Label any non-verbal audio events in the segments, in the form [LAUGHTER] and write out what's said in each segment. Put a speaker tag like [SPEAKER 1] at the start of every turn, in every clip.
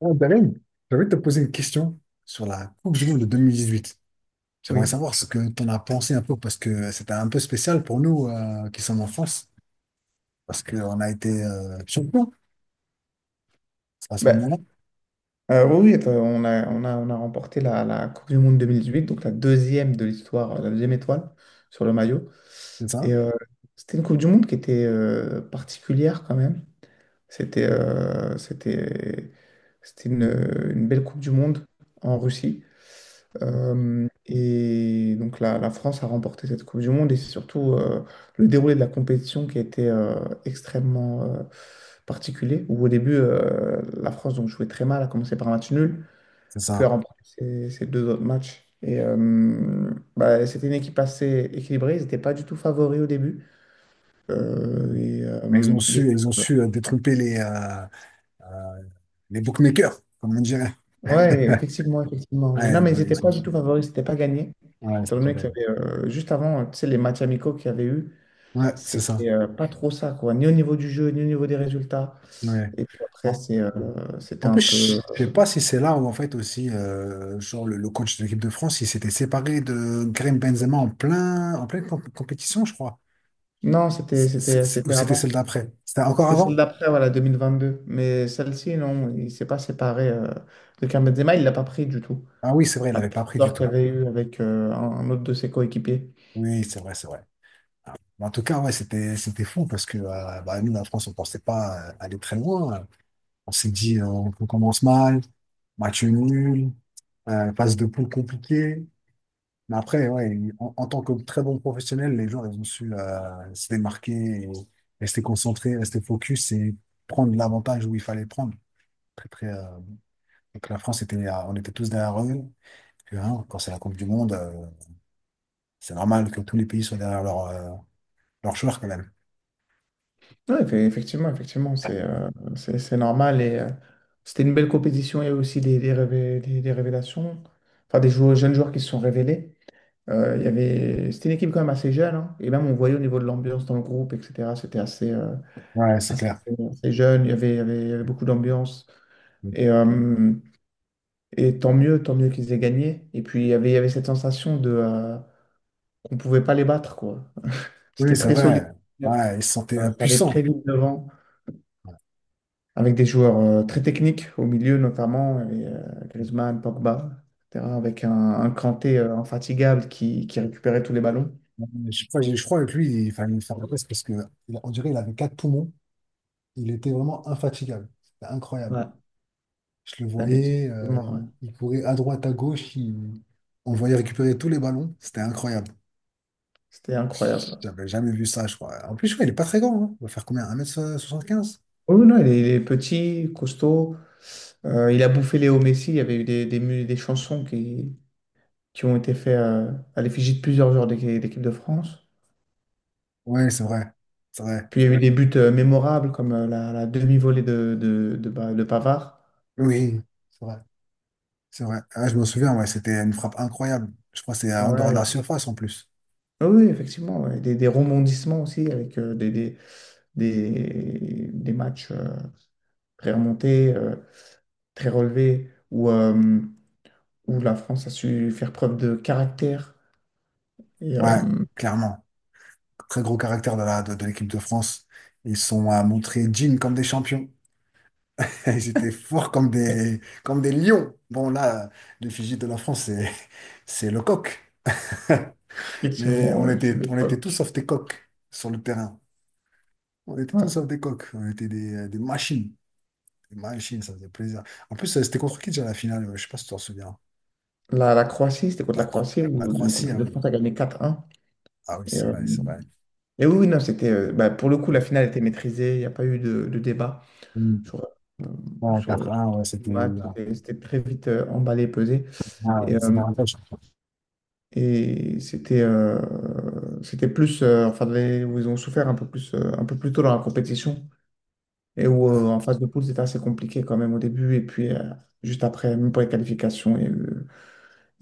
[SPEAKER 1] Ah, Darim, j'avais te poser une question sur la Coupe du Monde de 2018. J'aimerais
[SPEAKER 2] Oui.
[SPEAKER 1] savoir ce que tu en as pensé un peu, parce que c'était un peu spécial pour nous qui sommes en France, parce qu'on a été champions à ce
[SPEAKER 2] Ben,
[SPEAKER 1] moment-là,
[SPEAKER 2] oui, oui, enfin, on a remporté la Coupe du Monde 2008, donc la deuxième de l'histoire, la deuxième étoile sur le maillot.
[SPEAKER 1] c'est
[SPEAKER 2] Et
[SPEAKER 1] ça?
[SPEAKER 2] c'était une Coupe du Monde qui était particulière quand même. C'était euh, c'était, c'était une belle Coupe du Monde en Russie. Et donc la France a remporté cette Coupe du Monde et c'est surtout le déroulé de la compétition qui a été extrêmement particulier, où au début la France donc, jouait très mal, a commencé par un match nul,
[SPEAKER 1] C'est
[SPEAKER 2] puis a
[SPEAKER 1] ça.
[SPEAKER 2] remporté ses deux autres matchs. Et bah, c'était une équipe assez équilibrée, ils n'étaient pas du tout favoris au début. Euh, et,
[SPEAKER 1] Mais ils
[SPEAKER 2] euh,
[SPEAKER 1] ont
[SPEAKER 2] il y a-
[SPEAKER 1] su, ils ont su euh, détromper euh, les bookmakers, comme on dirait.
[SPEAKER 2] Ouais,
[SPEAKER 1] [LAUGHS]
[SPEAKER 2] effectivement, effectivement. Non,
[SPEAKER 1] Ouais,
[SPEAKER 2] mais
[SPEAKER 1] ils
[SPEAKER 2] ils
[SPEAKER 1] ont,
[SPEAKER 2] n'étaient
[SPEAKER 1] ils ont
[SPEAKER 2] pas du
[SPEAKER 1] su.
[SPEAKER 2] tout favoris, c'était pas gagné.
[SPEAKER 1] Ouais,
[SPEAKER 2] Étant
[SPEAKER 1] c'était pas
[SPEAKER 2] donné qu'il y
[SPEAKER 1] dingue.
[SPEAKER 2] avait juste avant, tu sais, les matchs amicaux qu'il y avait eu.
[SPEAKER 1] Ouais, c'est ça.
[SPEAKER 2] C'était pas trop ça, quoi, ni au niveau du jeu, ni au niveau des résultats.
[SPEAKER 1] Ouais.
[SPEAKER 2] Et puis après,
[SPEAKER 1] En,
[SPEAKER 2] c'était
[SPEAKER 1] en
[SPEAKER 2] un peu.
[SPEAKER 1] plus, je sais pas si c'est là où, en fait, aussi, genre, le coach de l'équipe de France, il s'était séparé de Karim Benzema en pleine compétition, je crois.
[SPEAKER 2] Non, c'était,
[SPEAKER 1] C'est- c'est-
[SPEAKER 2] c'était,
[SPEAKER 1] c'est- Ou
[SPEAKER 2] c'était
[SPEAKER 1] c'était celle
[SPEAKER 2] avant.
[SPEAKER 1] d'après? C'était encore
[SPEAKER 2] C'était celle
[SPEAKER 1] avant?
[SPEAKER 2] d'après, voilà, 2022. Mais celle-ci, non, il s'est pas séparé de Karim Benzema, il l'a pas pris du tout.
[SPEAKER 1] Ah oui, c'est vrai, il l'avait
[SPEAKER 2] Avec
[SPEAKER 1] pas pris du
[SPEAKER 2] l'histoire qu'il
[SPEAKER 1] tout.
[SPEAKER 2] y avait eu avec un autre de ses coéquipiers.
[SPEAKER 1] Oui, c'est vrai, c'est vrai. Mais en tout cas, ouais, c'était fou parce que bah, nous, la France, on pensait pas aller très loin. On s'est dit, on commence mal, match nul, phase de poule compliquée. Mais après, ouais, en tant que très bon professionnel, les gens, ils ont su se démarquer, et rester concentrés, rester focus et prendre l'avantage où il fallait prendre. Très, très, donc la France était, on était tous derrière eux. Parce que, hein, quand c'est la Coupe du Monde, c'est normal que tous les pays soient derrière leurs joueurs quand même.
[SPEAKER 2] Oui, effectivement, effectivement, c'est normal. Et c'était une belle compétition. Il y a eu aussi des révélations, enfin des joueurs, jeunes joueurs qui se sont révélés. C'était une équipe quand même assez jeune, hein. Et même on voyait au niveau de l'ambiance dans le groupe, etc. C'était assez, euh,
[SPEAKER 1] Ouais, c'est
[SPEAKER 2] assez,
[SPEAKER 1] clair.
[SPEAKER 2] assez jeune, il y avait, il y avait, il y avait beaucoup d'ambiance. Et, euh, et tant mieux qu'ils aient gagné. Et puis il y avait cette sensation de, qu'on ne pouvait pas les battre, quoi.
[SPEAKER 1] Oui,
[SPEAKER 2] C'était
[SPEAKER 1] c'est
[SPEAKER 2] très solide.
[SPEAKER 1] vrai. Ouais, il se sentait
[SPEAKER 2] Ça allait très
[SPEAKER 1] impuissant.
[SPEAKER 2] vite devant, avec des joueurs très techniques au milieu notamment, il y avait, Griezmann, Pogba, etc. Avec un Kanté infatigable qui récupérait tous les ballons.
[SPEAKER 1] Je crois que lui, il fallait lui faire la presse parce que on dirait qu'il avait quatre poumons. Il était vraiment infatigable. C'était incroyable.
[SPEAKER 2] Ouais,
[SPEAKER 1] Je le voyais,
[SPEAKER 2] effectivement. Ouais.
[SPEAKER 1] il courait à droite, à gauche, on le voyait récupérer tous les ballons. C'était incroyable.
[SPEAKER 2] C'était incroyable.
[SPEAKER 1] J'avais jamais vu ça, je crois. En plus, je crois, il est pas très grand, hein. Il va faire combien? 1,75 m.
[SPEAKER 2] Oh, oui, non, il est petit, costaud. Il a bouffé Léo Messi. Il y avait eu des chansons qui ont été faites à l'effigie de plusieurs joueurs d'équipe de France.
[SPEAKER 1] Ouais, c'est vrai. C'est vrai.
[SPEAKER 2] Puis il y a eu des buts mémorables comme la demi-volée de Pavard.
[SPEAKER 1] Oui, c'est vrai. C'est vrai. Ah, je me souviens, ouais, c'était une frappe incroyable. Je crois que c'est en dehors de la
[SPEAKER 2] Ouais.
[SPEAKER 1] surface en plus.
[SPEAKER 2] Ah, oui, effectivement. Ouais. Des rebondissements aussi avec des matchs très remontés, très relevés, où la France a su faire preuve de caractère. Et, euh,
[SPEAKER 1] Ouais, clairement. Très gros caractère de de l'équipe de France. Ils sont à montrer Jim comme des champions. [LAUGHS] J'étais fort comme des lions. Bon, là, les Fidji de la France, c'est le coq. [LAUGHS] Mais
[SPEAKER 2] Effectivement,
[SPEAKER 1] on
[SPEAKER 2] ouais, c'est
[SPEAKER 1] était, on était tous
[SPEAKER 2] l'époque.
[SPEAKER 1] sauf des coqs sur le terrain. On était tous
[SPEAKER 2] Ouais.
[SPEAKER 1] sauf des coqs. On était des machines. Des machines, ça faisait plaisir. En plus, c'était contre qui déjà la finale? Je sais pas si tu t'en souviens.
[SPEAKER 2] La Croatie, c'était contre la
[SPEAKER 1] La, Cro-
[SPEAKER 2] Croatie
[SPEAKER 1] la
[SPEAKER 2] où donc,
[SPEAKER 1] Croatie,
[SPEAKER 2] l'équipe
[SPEAKER 1] ah
[SPEAKER 2] de
[SPEAKER 1] oui.
[SPEAKER 2] France a gagné 4-1.
[SPEAKER 1] Ah oui,
[SPEAKER 2] Et,
[SPEAKER 1] c'est
[SPEAKER 2] euh,
[SPEAKER 1] vrai, c'est vrai.
[SPEAKER 2] et oui, oui, non, c'était. Bah, pour le coup, la finale était maîtrisée, il n'y a pas eu de débat
[SPEAKER 1] Mm.
[SPEAKER 2] sur, euh,
[SPEAKER 1] Ouais,
[SPEAKER 2] sur le
[SPEAKER 1] 4-1, ouais,
[SPEAKER 2] du
[SPEAKER 1] c'était.
[SPEAKER 2] match. C'était très vite emballé, pesé.
[SPEAKER 1] Ah,
[SPEAKER 2] Et,
[SPEAKER 1] ouais, c'est
[SPEAKER 2] euh,
[SPEAKER 1] davantage.
[SPEAKER 2] et c'était plus. Enfin, où ils ont souffert un peu plus tôt dans la compétition. Et où
[SPEAKER 1] Euh,
[SPEAKER 2] en phase de poule, c'était assez compliqué quand même au début. Et puis, juste après, même pour les qualifications,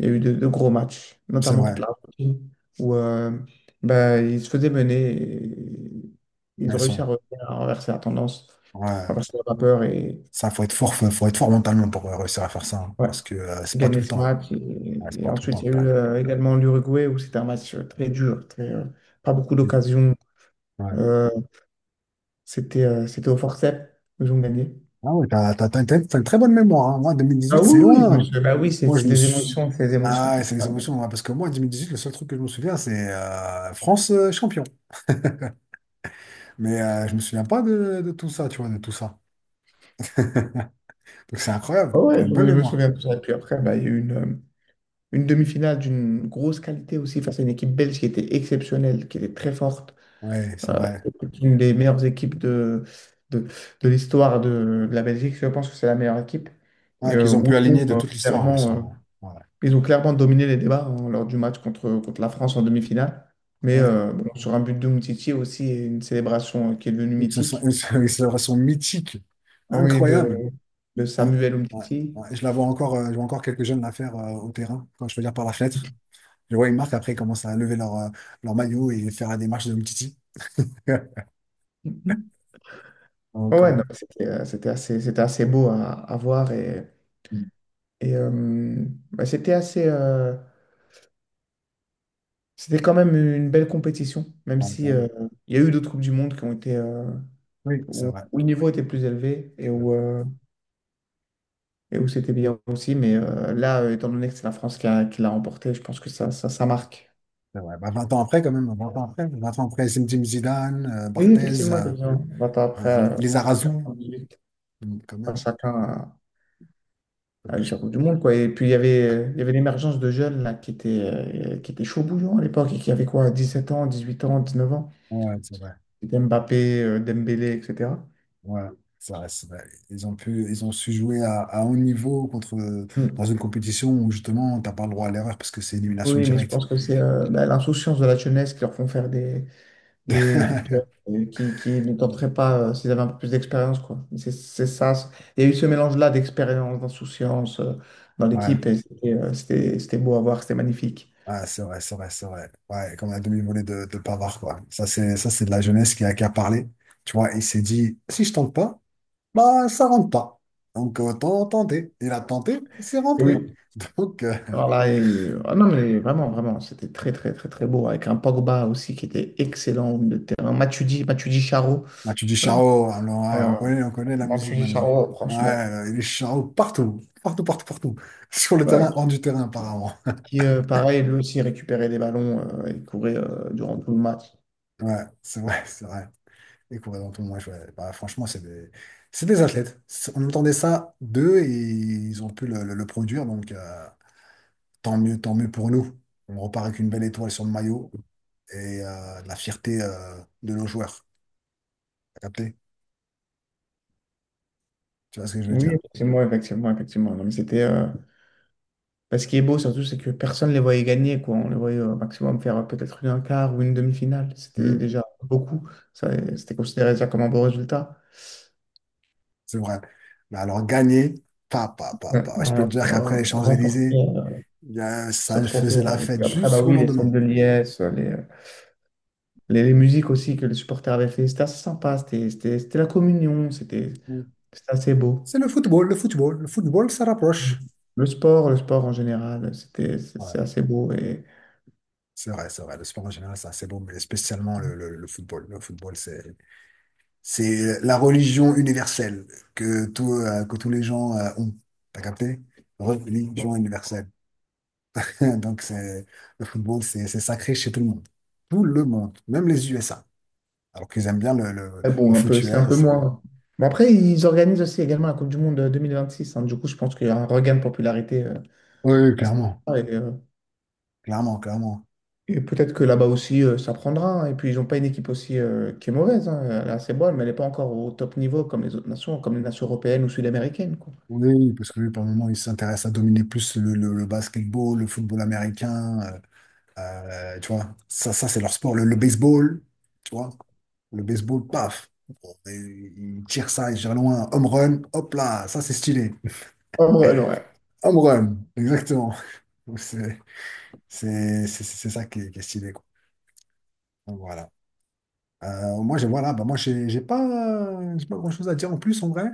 [SPEAKER 2] Il y a eu de gros matchs,
[SPEAKER 1] C'est
[SPEAKER 2] notamment contre
[SPEAKER 1] vrai.
[SPEAKER 2] l'Argentine, où bah, ils se faisaient mener et ils ont
[SPEAKER 1] Elles
[SPEAKER 2] réussi
[SPEAKER 1] sont.
[SPEAKER 2] à, revenir, à renverser la tendance, à
[SPEAKER 1] Ouais.
[SPEAKER 2] renverser la vapeur et
[SPEAKER 1] Ça, faut être fort, faut être fort mentalement pour réussir à faire ça, hein,
[SPEAKER 2] ouais,
[SPEAKER 1] parce que c'est pas tout
[SPEAKER 2] gagner
[SPEAKER 1] le
[SPEAKER 2] ce
[SPEAKER 1] temps.
[SPEAKER 2] match.
[SPEAKER 1] Ouais, c'est
[SPEAKER 2] Et
[SPEAKER 1] pas tout le
[SPEAKER 2] ensuite,
[SPEAKER 1] temps.
[SPEAKER 2] il y a eu également l'Uruguay où c'était un match très dur, pas beaucoup
[SPEAKER 1] Mm.
[SPEAKER 2] d'occasions.
[SPEAKER 1] Ouais.
[SPEAKER 2] Euh, c'était au forceps, ils ont gagné.
[SPEAKER 1] Ah ouais, t'as une très bonne mémoire, hein. Moi,
[SPEAKER 2] Ah
[SPEAKER 1] 2018,
[SPEAKER 2] oui,
[SPEAKER 1] c'est
[SPEAKER 2] oui, je me
[SPEAKER 1] loin.
[SPEAKER 2] souviens. Bah oui, c'est
[SPEAKER 1] Moi, je
[SPEAKER 2] c'est
[SPEAKER 1] me
[SPEAKER 2] les
[SPEAKER 1] suis.
[SPEAKER 2] émotions, c'est les émotions
[SPEAKER 1] Ah,
[SPEAKER 2] qui
[SPEAKER 1] ouais, c'est les
[SPEAKER 2] parlent.
[SPEAKER 1] émotions, ouais, parce que moi, 2018, le seul truc que je me souviens, c'est France champion. Mais je me souviens pas de tout ça, tu vois, de tout ça. [LAUGHS] Donc c'est
[SPEAKER 2] Ah
[SPEAKER 1] incroyable. T'as
[SPEAKER 2] ouais,
[SPEAKER 1] une
[SPEAKER 2] je me
[SPEAKER 1] bonne
[SPEAKER 2] je me
[SPEAKER 1] mémoire.
[SPEAKER 2] souviens de ça. Et puis après, bah, il y a eu une demi-finale d'une grosse qualité aussi face à une équipe belge qui était exceptionnelle, qui était très forte.
[SPEAKER 1] Ouais, c'est vrai.
[SPEAKER 2] C'est une des meilleures équipes de, de l'histoire de la Belgique. Je pense que c'est la meilleure équipe. Et
[SPEAKER 1] Ouais, qu'ils ont
[SPEAKER 2] oui,
[SPEAKER 1] pu
[SPEAKER 2] bon,
[SPEAKER 1] aligner de toute l'histoire, ouais,
[SPEAKER 2] clairement,
[SPEAKER 1] sûrement. Ouais.
[SPEAKER 2] ils ont clairement dominé les débats hein, lors du match contre la France en demi-finale. Mais
[SPEAKER 1] Ouais.
[SPEAKER 2] bon, sur un but de Umtiti aussi, et une célébration qui est devenue
[SPEAKER 1] Ils se sont,
[SPEAKER 2] mythique.
[SPEAKER 1] ils se ils se sont mythiques.
[SPEAKER 2] Ah, oui,
[SPEAKER 1] Incroyable.
[SPEAKER 2] de
[SPEAKER 1] Ouais,
[SPEAKER 2] Samuel
[SPEAKER 1] ouais,
[SPEAKER 2] Umtiti.
[SPEAKER 1] ouais. Je la vois encore, je vois encore quelques jeunes la faire au terrain, quand je veux dire par la fenêtre. Je vois une marque, après, ils commencent à lever leur maillot et faire la démarche de Umtiti. [LAUGHS]
[SPEAKER 2] Mhm.
[SPEAKER 1] Donc,
[SPEAKER 2] Ouais,
[SPEAKER 1] ouais.
[SPEAKER 2] non, c'était assez beau à voir. Et
[SPEAKER 1] Mm.
[SPEAKER 2] Et euh, bah, c'était quand même une belle compétition, même
[SPEAKER 1] Ouais, quand
[SPEAKER 2] si
[SPEAKER 1] même.
[SPEAKER 2] il y a eu d'autres coupes du monde qui ont été
[SPEAKER 1] Oui, c'est
[SPEAKER 2] où,
[SPEAKER 1] vrai.
[SPEAKER 2] où le niveau était plus élevé et
[SPEAKER 1] C'est
[SPEAKER 2] où,
[SPEAKER 1] vrai.
[SPEAKER 2] euh, et où c'était bien aussi. Mais là, étant donné que c'est la France qui l'a remporté, je pense que ça marque.
[SPEAKER 1] C'est vrai. Bah, 20 ans après, quand même, 20 ans après, 20 ans après, c'est Zinedine Zidane,
[SPEAKER 2] Oui,
[SPEAKER 1] Barthez,
[SPEAKER 2] effectivement, effectivement. 20 ans après,
[SPEAKER 1] les Arazou,
[SPEAKER 2] 98,
[SPEAKER 1] Mm, quand
[SPEAKER 2] enfin,
[SPEAKER 1] même.
[SPEAKER 2] chacun a
[SPEAKER 1] Donc,
[SPEAKER 2] eu
[SPEAKER 1] je-
[SPEAKER 2] sa Coupe du Monde, quoi. Et puis il y avait l'émergence de jeunes là qui étaient chauds bouillants à l'époque et qui avaient quoi, 17 ans, 18 ans, 19 ans.
[SPEAKER 1] Ouais, c'est vrai.
[SPEAKER 2] Mbappé, Dembélé, etc.
[SPEAKER 1] Ouais, c'est vrai, c'est vrai. Ils ont pu, ils ont su jouer à haut niveau contre, dans
[SPEAKER 2] Mm.
[SPEAKER 1] une compétition où justement, t'as pas le droit à l'erreur parce que c'est élimination
[SPEAKER 2] Oui, mais je
[SPEAKER 1] directe.
[SPEAKER 2] pense que c'est bah, l'insouciance de la jeunesse qui leur font faire des, des joueurs,
[SPEAKER 1] [LAUGHS]
[SPEAKER 2] qui ne tenteraient pas s'ils avaient un peu plus d'expérience, quoi. C'est ça. Il y a eu ce mélange-là d'expérience, d'insouciance dans
[SPEAKER 1] Ouais,
[SPEAKER 2] l'équipe et c'était beau à voir, c'était magnifique.
[SPEAKER 1] ouais, c'est vrai, c'est vrai, c'est vrai. Ouais, comme la demi-volée de Pavard, quoi. Ça, c'est de la jeunesse qui a parlé. Tu vois, il s'est dit, si je tente pas, bah, ça rentre pas. Donc, autant tenter. Il a tenté, c'est
[SPEAKER 2] Et
[SPEAKER 1] rentré.
[SPEAKER 2] oui.
[SPEAKER 1] [LAUGHS] Donc,
[SPEAKER 2] Alors là, ah non, mais vraiment, vraiment, c'était très, très, très, très beau avec un Pogba aussi qui était excellent au milieu de terrain. Matuidi, Matuidi Charo.
[SPEAKER 1] bah, tu dis
[SPEAKER 2] Euh,
[SPEAKER 1] Charo, alors, ouais,
[SPEAKER 2] euh,
[SPEAKER 1] on connaît la musique
[SPEAKER 2] Matuidi
[SPEAKER 1] maintenant.
[SPEAKER 2] Charo,
[SPEAKER 1] Ouais,
[SPEAKER 2] franchement.
[SPEAKER 1] il est Charo partout, partout, partout, partout. [LAUGHS] Sur le
[SPEAKER 2] Ouais,
[SPEAKER 1] terrain, hors du terrain, apparemment.
[SPEAKER 2] pareil, lui aussi récupérait des ballons et courait durant tout le match.
[SPEAKER 1] Ouais, c'est vrai, c'est vrai. Et courir dans tout le monde, ouais. Bah, franchement, c'est des athlètes. On entendait ça d'eux et ils ont pu le, le produire. Donc, tant mieux pour nous. On repart avec une belle étoile sur le maillot et la fierté de nos joueurs. T'as capté? Tu vois ce que je veux
[SPEAKER 2] Oui,
[SPEAKER 1] dire?
[SPEAKER 2] effectivement, effectivement, effectivement. Non, mais bah, ce qui est beau surtout, c'est que personne ne les voyait gagner, quoi. On les voyait au maximum faire peut-être une un quart ou une demi-finale. C'était
[SPEAKER 1] Hmm,
[SPEAKER 2] déjà beaucoup. Ça, C'était considéré déjà comme un beau résultat.
[SPEAKER 1] c'est vrai. Mais alors, gagner, pas, pas, pas,
[SPEAKER 2] Ouais.
[SPEAKER 1] pas. Je peux te
[SPEAKER 2] Alors,
[SPEAKER 1] dire qu'après les
[SPEAKER 2] remporter
[SPEAKER 1] Champs-Élysées,
[SPEAKER 2] ce
[SPEAKER 1] ça
[SPEAKER 2] trophée.
[SPEAKER 1] faisait la
[SPEAKER 2] Ouais. Et
[SPEAKER 1] fête
[SPEAKER 2] puis après, bah
[SPEAKER 1] jusqu'au
[SPEAKER 2] oui, les scènes
[SPEAKER 1] lendemain.
[SPEAKER 2] de liesse, les musiques aussi que les supporters avaient fait, c'était assez sympa. C'était la communion, c'était
[SPEAKER 1] Hmm.
[SPEAKER 2] c'était assez beau.
[SPEAKER 1] C'est le football, le football. Le football, ça rapproche.
[SPEAKER 2] Le sport en général, c'est
[SPEAKER 1] Ouais.
[SPEAKER 2] c'est assez beau et
[SPEAKER 1] C'est vrai, c'est vrai. Le sport en général, c'est assez beau, mais spécialement le, le football. Le football, c'est la religion universelle que tous les gens ont. T'as capté? Religion universelle. [LAUGHS] Donc, le football, c'est sacré chez tout le monde. Tout le monde, même les USA. Alors qu'ils aiment bien le, le,
[SPEAKER 2] mais
[SPEAKER 1] le
[SPEAKER 2] bon, un peu,
[SPEAKER 1] foot
[SPEAKER 2] c'est un peu
[SPEAKER 1] US.
[SPEAKER 2] moins. Mais après, ils organisent aussi également la Coupe du Monde 2026. Hein. Du coup, je pense qu'il y a un regain de popularité
[SPEAKER 1] Oui, oui,
[SPEAKER 2] à ce
[SPEAKER 1] clairement.
[SPEAKER 2] moment-là. Et, euh,
[SPEAKER 1] Clairement, clairement.
[SPEAKER 2] et peut-être que là-bas aussi, ça prendra. Hein. Et puis, ils n'ont pas une équipe aussi qui est mauvaise. Hein. Elle est assez bonne, mais elle n'est pas encore au top niveau comme les autres nations, comme les nations européennes ou sud-américaines, quoi.
[SPEAKER 1] Oui, oui, parce que lui, par moment, il s'intéresse à dominer plus le basketball, le football américain, tu vois, ça c'est leur sport. Le baseball, tu vois, le baseball, paf. Bon. Il tire ça, il tire loin. Home run, hop là, ça c'est stylé.
[SPEAKER 2] Oh, ouais, non, ouais.
[SPEAKER 1] Home run, exactement. Donc, c'est ça qui est stylé, quoi. Donc, voilà. Moi, j'ai voilà, bah, moi, j'ai pas grand-chose à dire en plus, en vrai.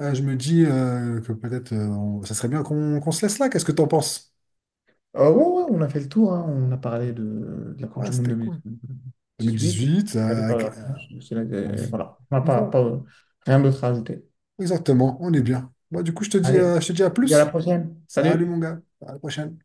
[SPEAKER 1] Je me dis que peut-être ça serait bien qu'on se laisse là. Qu'est-ce que t'en penses?
[SPEAKER 2] Ouais, ouais, on a fait le tour, hein. On a parlé de la Coupe
[SPEAKER 1] Ouais,
[SPEAKER 2] du Monde
[SPEAKER 1] c'était cool.
[SPEAKER 2] 2018 et
[SPEAKER 1] 2018,
[SPEAKER 2] allez faire
[SPEAKER 1] avec-
[SPEAKER 2] la
[SPEAKER 1] euh,
[SPEAKER 2] France.
[SPEAKER 1] bon,
[SPEAKER 2] Voilà, on n'a pas, pas,
[SPEAKER 1] bon,
[SPEAKER 2] euh, rien d'autre à ajouter.
[SPEAKER 1] exactement, on est bien. Bon, du coup, je te dis, euh,
[SPEAKER 2] Allez,
[SPEAKER 1] je te dis à
[SPEAKER 2] à la
[SPEAKER 1] plus.
[SPEAKER 2] prochaine.
[SPEAKER 1] Salut mon
[SPEAKER 2] Salut!
[SPEAKER 1] gars, à la prochaine.